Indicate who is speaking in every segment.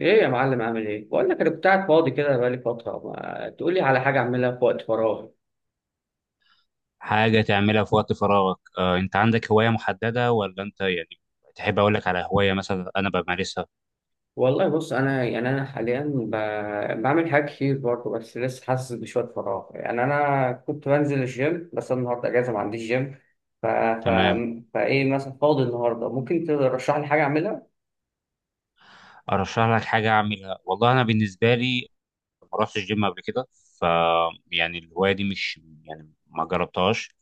Speaker 1: ايه يا معلم عامل ايه؟ بقول لك انا كنت قاعد فاضي كده بقالي فترة، ما تقول لي على حاجة اعملها في وقت فراغي.
Speaker 2: حاجة تعملها في وقت فراغك أنت عندك هواية محددة ولا أنت يعني تحب أقول لك على هواية مثلا أنا بمارسها.
Speaker 1: والله بص، انا انا حاليا بعمل حاجات كتير برضه، بس لسه حاسس بشوية فراغ. يعني انا كنت بنزل الجيم، بس أنا النهارده اجازة ما عنديش جيم. ف... ف...
Speaker 2: تمام.
Speaker 1: فايه مثلا فاضي النهارده؟ ممكن ترشح لي حاجة اعملها؟
Speaker 2: أرشح لك حاجة أعملها. والله أنا بالنسبة لي ما رحتش جيم قبل كده. ف يعني الهواية دي مش يعني ما جربتهاش.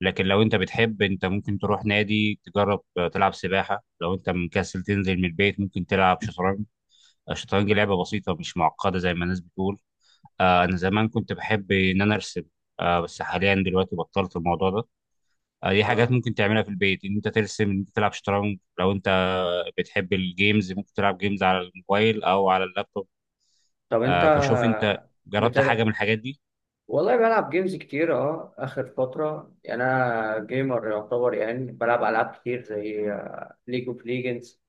Speaker 2: لكن لو أنت بتحب أنت ممكن تروح نادي تجرب، تلعب سباحة. لو أنت مكسل تنزل من البيت ممكن تلعب شطرنج. الشطرنج لعبة بسيطة مش معقدة زي ما الناس بتقول. أنا زمان كنت بحب إن أنا أرسم. بس حاليا دلوقتي بطلت الموضوع ده. دي حاجات
Speaker 1: آه.
Speaker 2: ممكن تعملها في البيت، ان انت ترسم ان انت تلعب شطرنج. لو انت بتحب الجيمز ممكن تلعب جيمز على الموبايل او على اللابتوب.
Speaker 1: طب انت
Speaker 2: فشوف انت
Speaker 1: بت...
Speaker 2: جربت حاجه من الحاجات دي.
Speaker 1: والله بلعب جيمز كتير اه اخر فتره. يعني انا جيمر يعتبر، يعني بلعب العاب كتير زي ليج اوف ليجندز،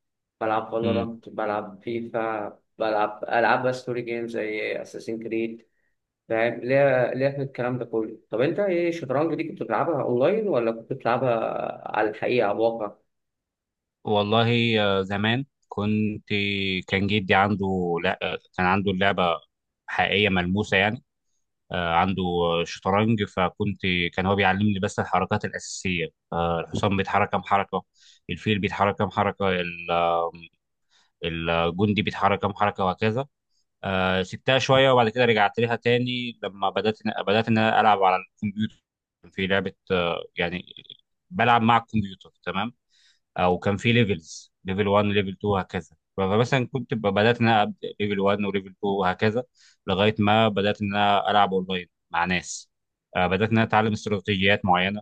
Speaker 1: بلعب
Speaker 2: امم
Speaker 1: فالورانت، بلعب فيفا، بلعب العاب بقى ستوري جيمز زي اساسين كريد. فاهم ليه في الكلام ده كله. طب انت ايه الشطرنج دي، كنت بتلعبها اونلاين ولا كنت بتلعبها على الحقيقه، على الواقع؟
Speaker 2: والله، زمان كنت، كان جدي عنده، لا كان عنده اللعبه حقيقيه ملموسه يعني. عنده شطرنج فكنت، كان هو بيعلمني بس الحركات الاساسيه. الحصان بيتحرك كام حركه، الفيل بيتحرك كام حركه، الجندي بيتحرك كام حركه وهكذا. سبتها شويه وبعد كده رجعت لها تاني لما بدات، ان انا العب على الكمبيوتر. كان في لعبه يعني بلعب مع الكمبيوتر. تمام. او كان في ليفلز ليفل 1 ليفل 2 وهكذا. فمثلا كنت بدات ان انا ابدا ليفل 1 وليفل 2 وهكذا لغايه ما بدات ان انا العب اونلاين مع ناس. بدات ان انا اتعلم استراتيجيات معينه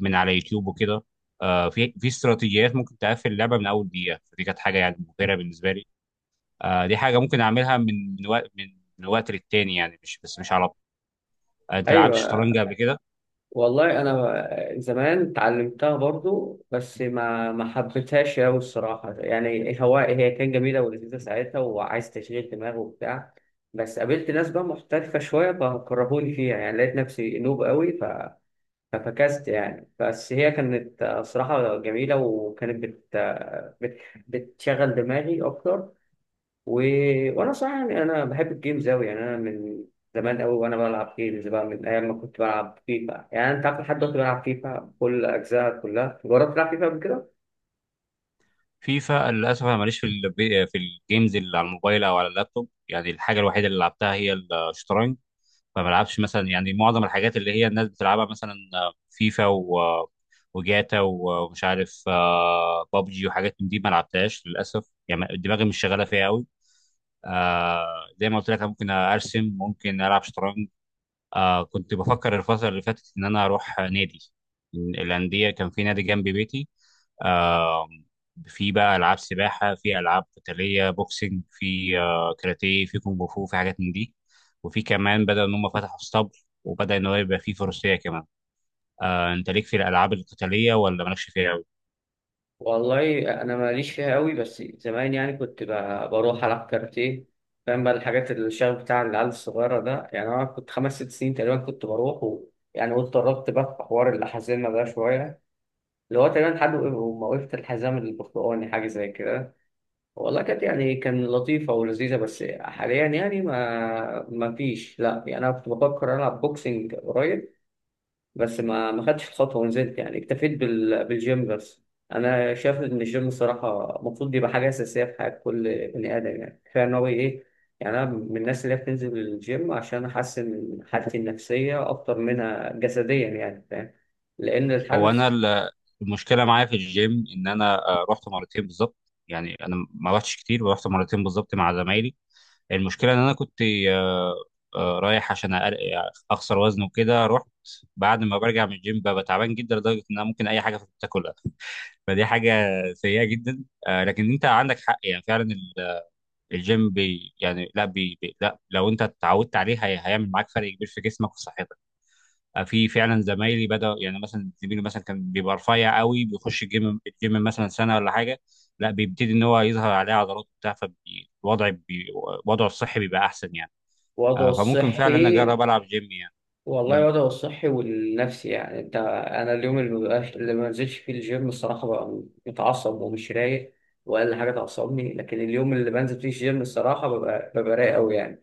Speaker 2: من على يوتيوب وكده. في استراتيجيات ممكن تقفل اللعبه من اول دقيقه، فدي كانت حاجه يعني مبهره بالنسبه لي. آه، دي حاجة ممكن أعملها من وقت من وقت للتاني يعني مش بس مش على طول. أنت لعبت
Speaker 1: ايوه،
Speaker 2: شطرنج قبل كده؟
Speaker 1: والله انا زمان اتعلمتها برضو، بس ما حبيتهاش قوي الصراحه. يعني هي كانت جميله ولذيذه ساعتها، وعايز تشغيل دماغ وبتاع، بس قابلت ناس بقى محترفه شويه فكرهوني فيها، يعني لقيت نفسي نوب قوي. ففكست يعني. بس هي كانت صراحه جميله، وكانت بتشغل دماغي اكتر. و... وانا صراحه يعني انا بحب الجيمز قوي. يعني انا من زمان قوي وانا بلعب جيمز بقى، من ايام ما كنت بلعب فيفا، يعني انت عارف لحد دلوقتي بلعب فيفا كل اجزاء كلها. جربت تلعب فيفا قبل كده؟
Speaker 2: فيفا للأسف أنا ماليش في في الجيمز اللي على الموبايل أو على اللابتوب، يعني الحاجة الوحيدة اللي لعبتها هي الشطرنج. فما بلعبش مثلا، يعني معظم الحاجات اللي هي الناس بتلعبها مثلا فيفا وجاتا ومش عارف بابجي وحاجات من دي ما لعبتهاش للأسف، يعني دماغي مش شغالة فيها أوي. آه. زي ما قلت لك أنا ممكن ارسم ممكن العب شطرنج. آه، كنت بفكر الفترة اللي فاتت إن أنا أروح نادي من الأندية. كان في نادي جنب بيتي. آه، في بقى ألعاب سباحة، في ألعاب قتالية بوكسينج، في آه كاراتيه، في كونغ فو، في حاجات من دي. وفي كمان بدأ إن هم فتحوا اسطبل وبدأ إن هو يبقى فيه فروسية كمان. آه، أنت ليك في الألعاب القتالية ولا مالكش فيها أوي؟
Speaker 1: والله انا ماليش فيها قوي، بس زمان يعني كنت بروح العب كارتيه. فاهم بقى الحاجات الشغف بتاع العيال الصغيره ده. يعني انا كنت خمس ست سنين تقريبا كنت بروح يعني قلت قربت بقى في حوار الحزام ده شويه، اللي هو تقريبا لحد ما وقفت الحزام البرتقاني حاجه زي كده. والله كانت يعني كان لطيفة ولذيذة، بس حاليا يعني ما فيش. لا يعني أنا كنت بفكر ألعب بوكسنج قريب، بس ما خدتش الخطوة ونزلت، يعني اكتفيت بالجيم بس. أنا شايف إن الجيم الصراحة المفروض يبقى حاجة أساسية في حياة كل بني آدم. يعني كفاية إن هو إيه، يعني أنا من الناس اللي هي بتنزل الجيم عشان أحسن حالتي النفسية أكتر منها جسديا. يعني فاهم، لأن الحال
Speaker 2: هو أنا
Speaker 1: النفسي
Speaker 2: ال- المشكلة معايا في الجيم إن أنا رحت مرتين بالظبط. يعني أنا ما رحتش كتير ورحت مرتين بالظبط مع زمايلي. المشكله ان انا كنت، آه، رايح عشان اخسر وزن وكده. رحت، بعد ما برجع من الجيم ببقى تعبان جدا لدرجه ان انا ممكن اي حاجه في تاكلها. فدي حاجه سيئه جدا. لكن انت عندك حق، يعني فعلا الجيم بي يعني لا بي بي لا لو انت اتعودت عليه هيعمل معاك فرق كبير في جسمك وفي صحتك. في فعلا زمايلي بدأ، يعني مثلا زميلي مثلا كان بيبقى رفيع قوي، بيخش الجيم مثلا سنه ولا حاجه، لا بيبتدي ان هو يظهر عليه عضلات وبتاع. فالوضع بي وضعه الصحي بيبقى احسن يعني.
Speaker 1: وضعه
Speaker 2: فممكن فعلا
Speaker 1: الصحي.
Speaker 2: اجرب العب جيم يعني.
Speaker 1: والله
Speaker 2: مم.
Speaker 1: وضعه الصحي والنفسي. يعني انت انا اليوم اللي مبقاش، اللي ما نزلش فيه الجيم، الصراحه ببقى متعصب ومش رايق، واقل حاجه تعصبني. لكن اليوم اللي بنزل فيه الجيم الصراحه ببقى رايق قوي يعني.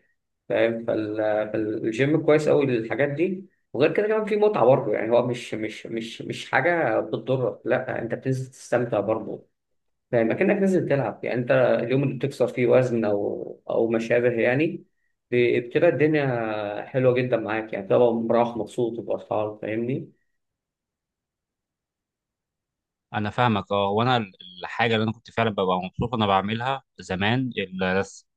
Speaker 1: فاهم. فالجيم كويس قوي للحاجات دي. وغير كده كمان في متعه برضه، يعني هو مش حاجه بتضرك، لا انت بتنزل تستمتع برضه. فاهم، اكنك نازل تلعب. يعني انت اليوم اللي بتكسر فيه وزن او او ما شابه، يعني بتبقى الدنيا حلوه جدا معاك، يعني بتبقى مروح مبسوط وفرحان. فاهمني؟
Speaker 2: انا فاهمك اه. الحاجه اللي انا كنت فعلا ببقى مبسوط وانا بعملها زمان الرسم.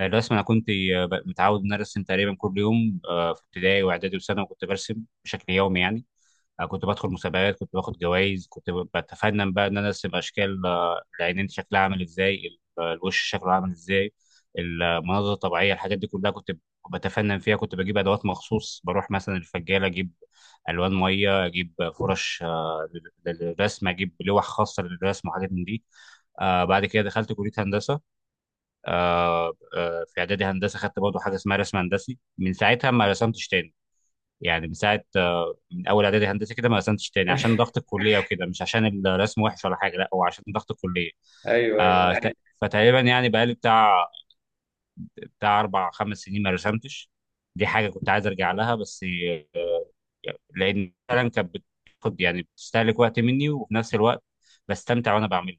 Speaker 2: انا كنت متعود ان أنا ارسم تقريبا كل يوم. في ابتدائي واعدادي وثانوي كنت برسم بشكل يومي يعني. كنت بدخل مسابقات كنت باخد جوائز كنت بتفنن بقى ان انا ارسم اشكال، العينين شكلها عامل ازاي، الوش شكله عامل ازاي، المناظر الطبيعيه الحاجات دي كلها كنت بتفنن فيها. كنت بجيب ادوات مخصوص بروح مثلا الفجاله اجيب الوان ميه اجيب فرش للرسم، اجيب لوح خاصه للرسم وحاجات من دي. آه بعد كده دخلت كليه هندسه. في اعدادي هندسه خدت برضه حاجه اسمها رسم هندسي. من ساعتها ما رسمتش تاني، يعني من ساعه من اول اعدادي هندسه كده ما قسمتش تاني عشان ضغط الكليه وكده، مش عشان الرسم وحش ولا حاجه، لا هو عشان ضغط الكليه.
Speaker 1: ايوه ايوه
Speaker 2: آه
Speaker 1: ايوه.
Speaker 2: ت- فتقريبا يعني بقالي بتاع اربع خمس سنين ما رسمتش. دي حاجه كنت عايز ارجع لها بس، آه، لان فعلا كانت بتاخد يعني بتستهلك وقت مني وفي نفس الوقت بستمتع وانا بعملها.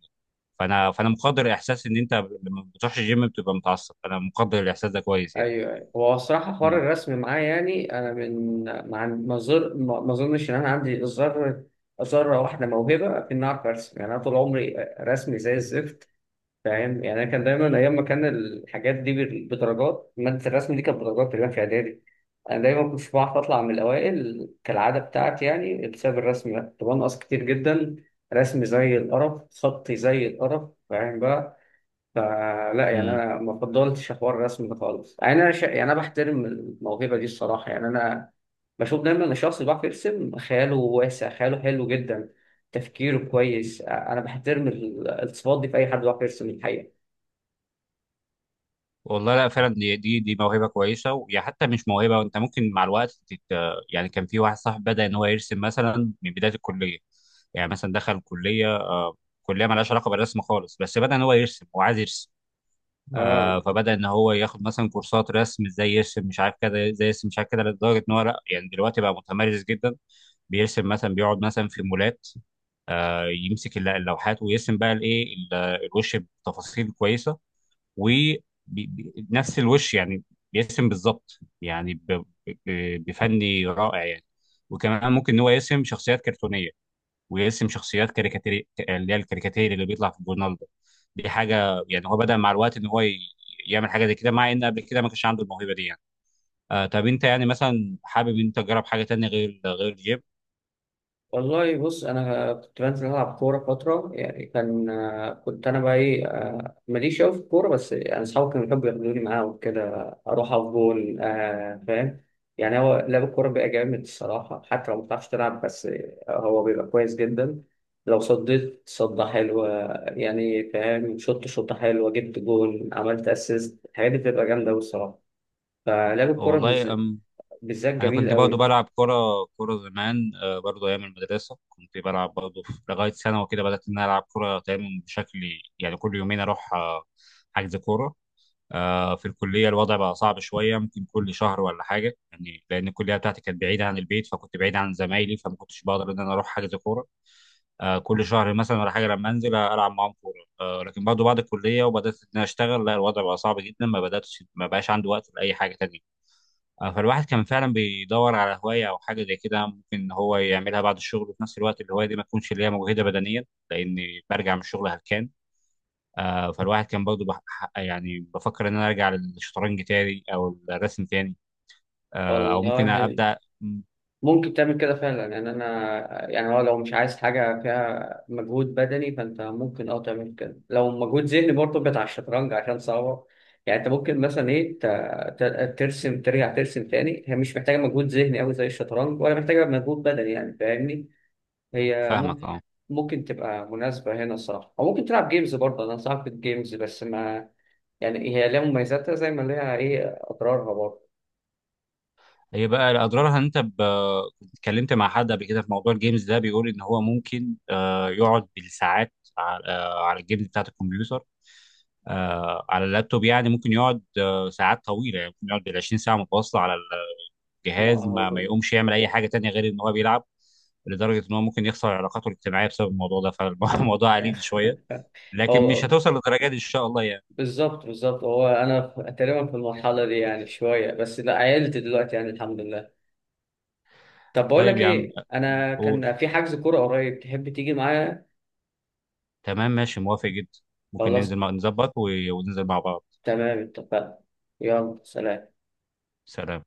Speaker 2: فانا مقدر احساس ان انت لما بتروحش الجيم بتبقى متعصب. انا مقدر الاحساس ده كويس يعني.
Speaker 1: ايوه أيوة. هو الصراحه حوار الرسم معايا، يعني انا من ما عن- ما زر- ما ما اظنش ان انا عندي ذره، ذره واحده موهبه في اني اعرف ارسم. يعني انا طول عمري رسمي زي الزفت. فاهم يعني. انا كان دايما ايام ما كان الحاجات دي بدرجات، ماده الرسم دي كانت بدرجات تقريبا في اعدادي. انا دايما كنت بعرف اطلع من الاوائل كالعاده بتاعتي، يعني بسبب الرسم ده كنت بنقص كتير جدا. رسم زي القرف، خطي زي القرف، فاهم بقى. فلا يعني
Speaker 2: مم.
Speaker 1: انا ما فضلتش حوار الرسم ده خالص. يعني انا يعني انا بحترم الموهبه دي الصراحه. يعني انا بشوف دايما ان الشخص اللي بيعرف يرسم خياله واسع، خياله حلو جدا، تفكيره كويس. انا بحترم الصفات دي في اي حد بيعرف يرسم الحقيقه.
Speaker 2: والله لا فعلا دي موهبه كويسه، ويا حتى مش موهبه، انت ممكن مع الوقت يعني كان في واحد صاحب بدا ان هو يرسم مثلا من بدايه الكليه، يعني مثلا دخل كليه كليه مالهاش علاقه بالرسم خالص بس بدا ان هو يرسم وعايز يرسم.
Speaker 1: اه
Speaker 2: فبدا ان هو ياخد مثلا كورسات رسم ازاي يرسم مش عارف كده، ازاي يرسم مش عارف كده لدرجه ان هو لا يعني دلوقتي بقى متمرس جدا. بيرسم مثلا بيقعد مثلا في مولات، يمسك اللوحات ويرسم بقى الايه، ال- الوش بتفاصيل كويسه، ونفس الوش يعني بيرسم بالظبط، يعني بفني رائع يعني. وكمان ممكن ان هو يرسم شخصيات كرتونيه ويرسم شخصيات كاريكاتير اللي هي الكاريكاتير اللي بيطلع في الجورنال ده. دي حاجه يعني هو بدأ مع الوقت ان هو يعمل حاجه زي كده مع ان قبل كده ما كانش عنده الموهبه دي يعني. آه، طب انت يعني مثلا حابب انت تجرب حاجه تانية غير الجيم؟
Speaker 1: والله بص، انا كنت بنزل العب كوره فتره. يعني كان كنت انا بقى ايه، ماليش قوي في الكوره، بس انا اصحابي كانوا بيحبوا ياخدوني معاهم وكده اروح اقف جول. آه فاهم. يعني هو لعب الكوره بيبقى جامد الصراحه، حتى لو ما بتعرفش تلعب، بس هو بيبقى كويس جدا. لو صديت صدة حلوة يعني، فاهم، شوط شوطة حلوة، جبت جول، عملت اسيست، الحاجات دي بتبقى جامدة أوي الصراحة. فلعب الكوره
Speaker 2: والله
Speaker 1: بالذات
Speaker 2: انا
Speaker 1: جميل
Speaker 2: كنت برضه
Speaker 1: قوي.
Speaker 2: بلعب كرة. زمان برضه ايام المدرسة كنت بلعب برضه لغاية ثانوي وكده، بدأت ان انا العب كرة تقريبا بشكل، يعني كل يومين اروح حجز كورة. في الكلية الوضع بقى صعب شوية، ممكن كل شهر ولا حاجة، يعني لأن الكلية بتاعتي كانت بعيدة عن البيت فكنت بعيد عن زمايلي، فما كنتش بقدر إن أنا أروح حجز كورة كل شهر مثلا ولا حاجة لما أنزل ألعب معاهم كورة. لكن برضه بعد الكلية وبدأت إن أنا أشتغل لا الوضع بقى صعب جدا، ما بدأتش ما بقاش عندي وقت لأي حاجة تانية. فالواحد كان فعلا بيدور على هواية أو حاجة زي كده ممكن إن هو يعملها بعد الشغل، وفي نفس الوقت الهواية دي ما تكونش اللي هي مجهدة بدنيا لأني برجع من الشغل هلكان. آه، فالواحد كان برضه بح- يعني بفكر إن أنا أرجع للشطرنج تاني أو الرسم تاني. أو ممكن
Speaker 1: والله
Speaker 2: أبدأ.
Speaker 1: ممكن تعمل كده فعلا يعني. انا يعني هو لو مش عايز حاجه فيها مجهود بدني، فانت ممكن اه تعمل كده. لو مجهود ذهني برضه بتاع الشطرنج عشان صعبه، يعني انت ممكن مثلا ايه ترسم، ترجع ترسم تاني. هي مش محتاجه مجهود ذهني قوي زي الشطرنج، ولا محتاجه مجهود بدني، يعني فاهمني. هي
Speaker 2: فاهمك
Speaker 1: ممكن
Speaker 2: أه.
Speaker 1: ممكن تبقى مناسبه هنا الصراحه. او ممكن تلعب جيمز برضه، انا صعب في الجيمز بس ما، يعني هي لها مميزاتها زي ما لها ايه اضرارها برضه.
Speaker 2: هي بقى اضرارها ان انت كنت اتكلمت مع حد قبل كده في موضوع الجيمز ده، بيقول ان هو ممكن يقعد بالساعات على، على الجيمز بتاعت الكمبيوتر على اللابتوب. يعني ممكن يقعد ساعات طويله، يعني ممكن يقعد بال 20 ساعه متواصله على
Speaker 1: ما
Speaker 2: الجهاز، ما
Speaker 1: هو،
Speaker 2: يقومش يعمل اي حاجه تانية غير ان هو بيلعب، لدرجه ان هو ممكن يخسر علاقاته الاجتماعيه بسبب الموضوع ده، فالموضوع عريض شويه. لكن مش
Speaker 1: هو
Speaker 2: هتوصل للدرجه دي ان شاء الله يعني.
Speaker 1: بالظبط بالظبط. هو انا تقريبا في المرحله دي يعني شويه، بس لا عيلت دلوقتي يعني الحمد لله. طب بقول
Speaker 2: طيب
Speaker 1: لك
Speaker 2: يا عم.
Speaker 1: ايه، انا
Speaker 2: قول.
Speaker 1: كان في حجز كوره قريب، تحب تيجي معايا؟
Speaker 2: تمام ماشي موافق جدا. ممكن
Speaker 1: خلاص،
Speaker 2: ننزل نظبط وننزل مع بعض.
Speaker 1: تمام، اتفقنا. يلا سلام.
Speaker 2: سلام.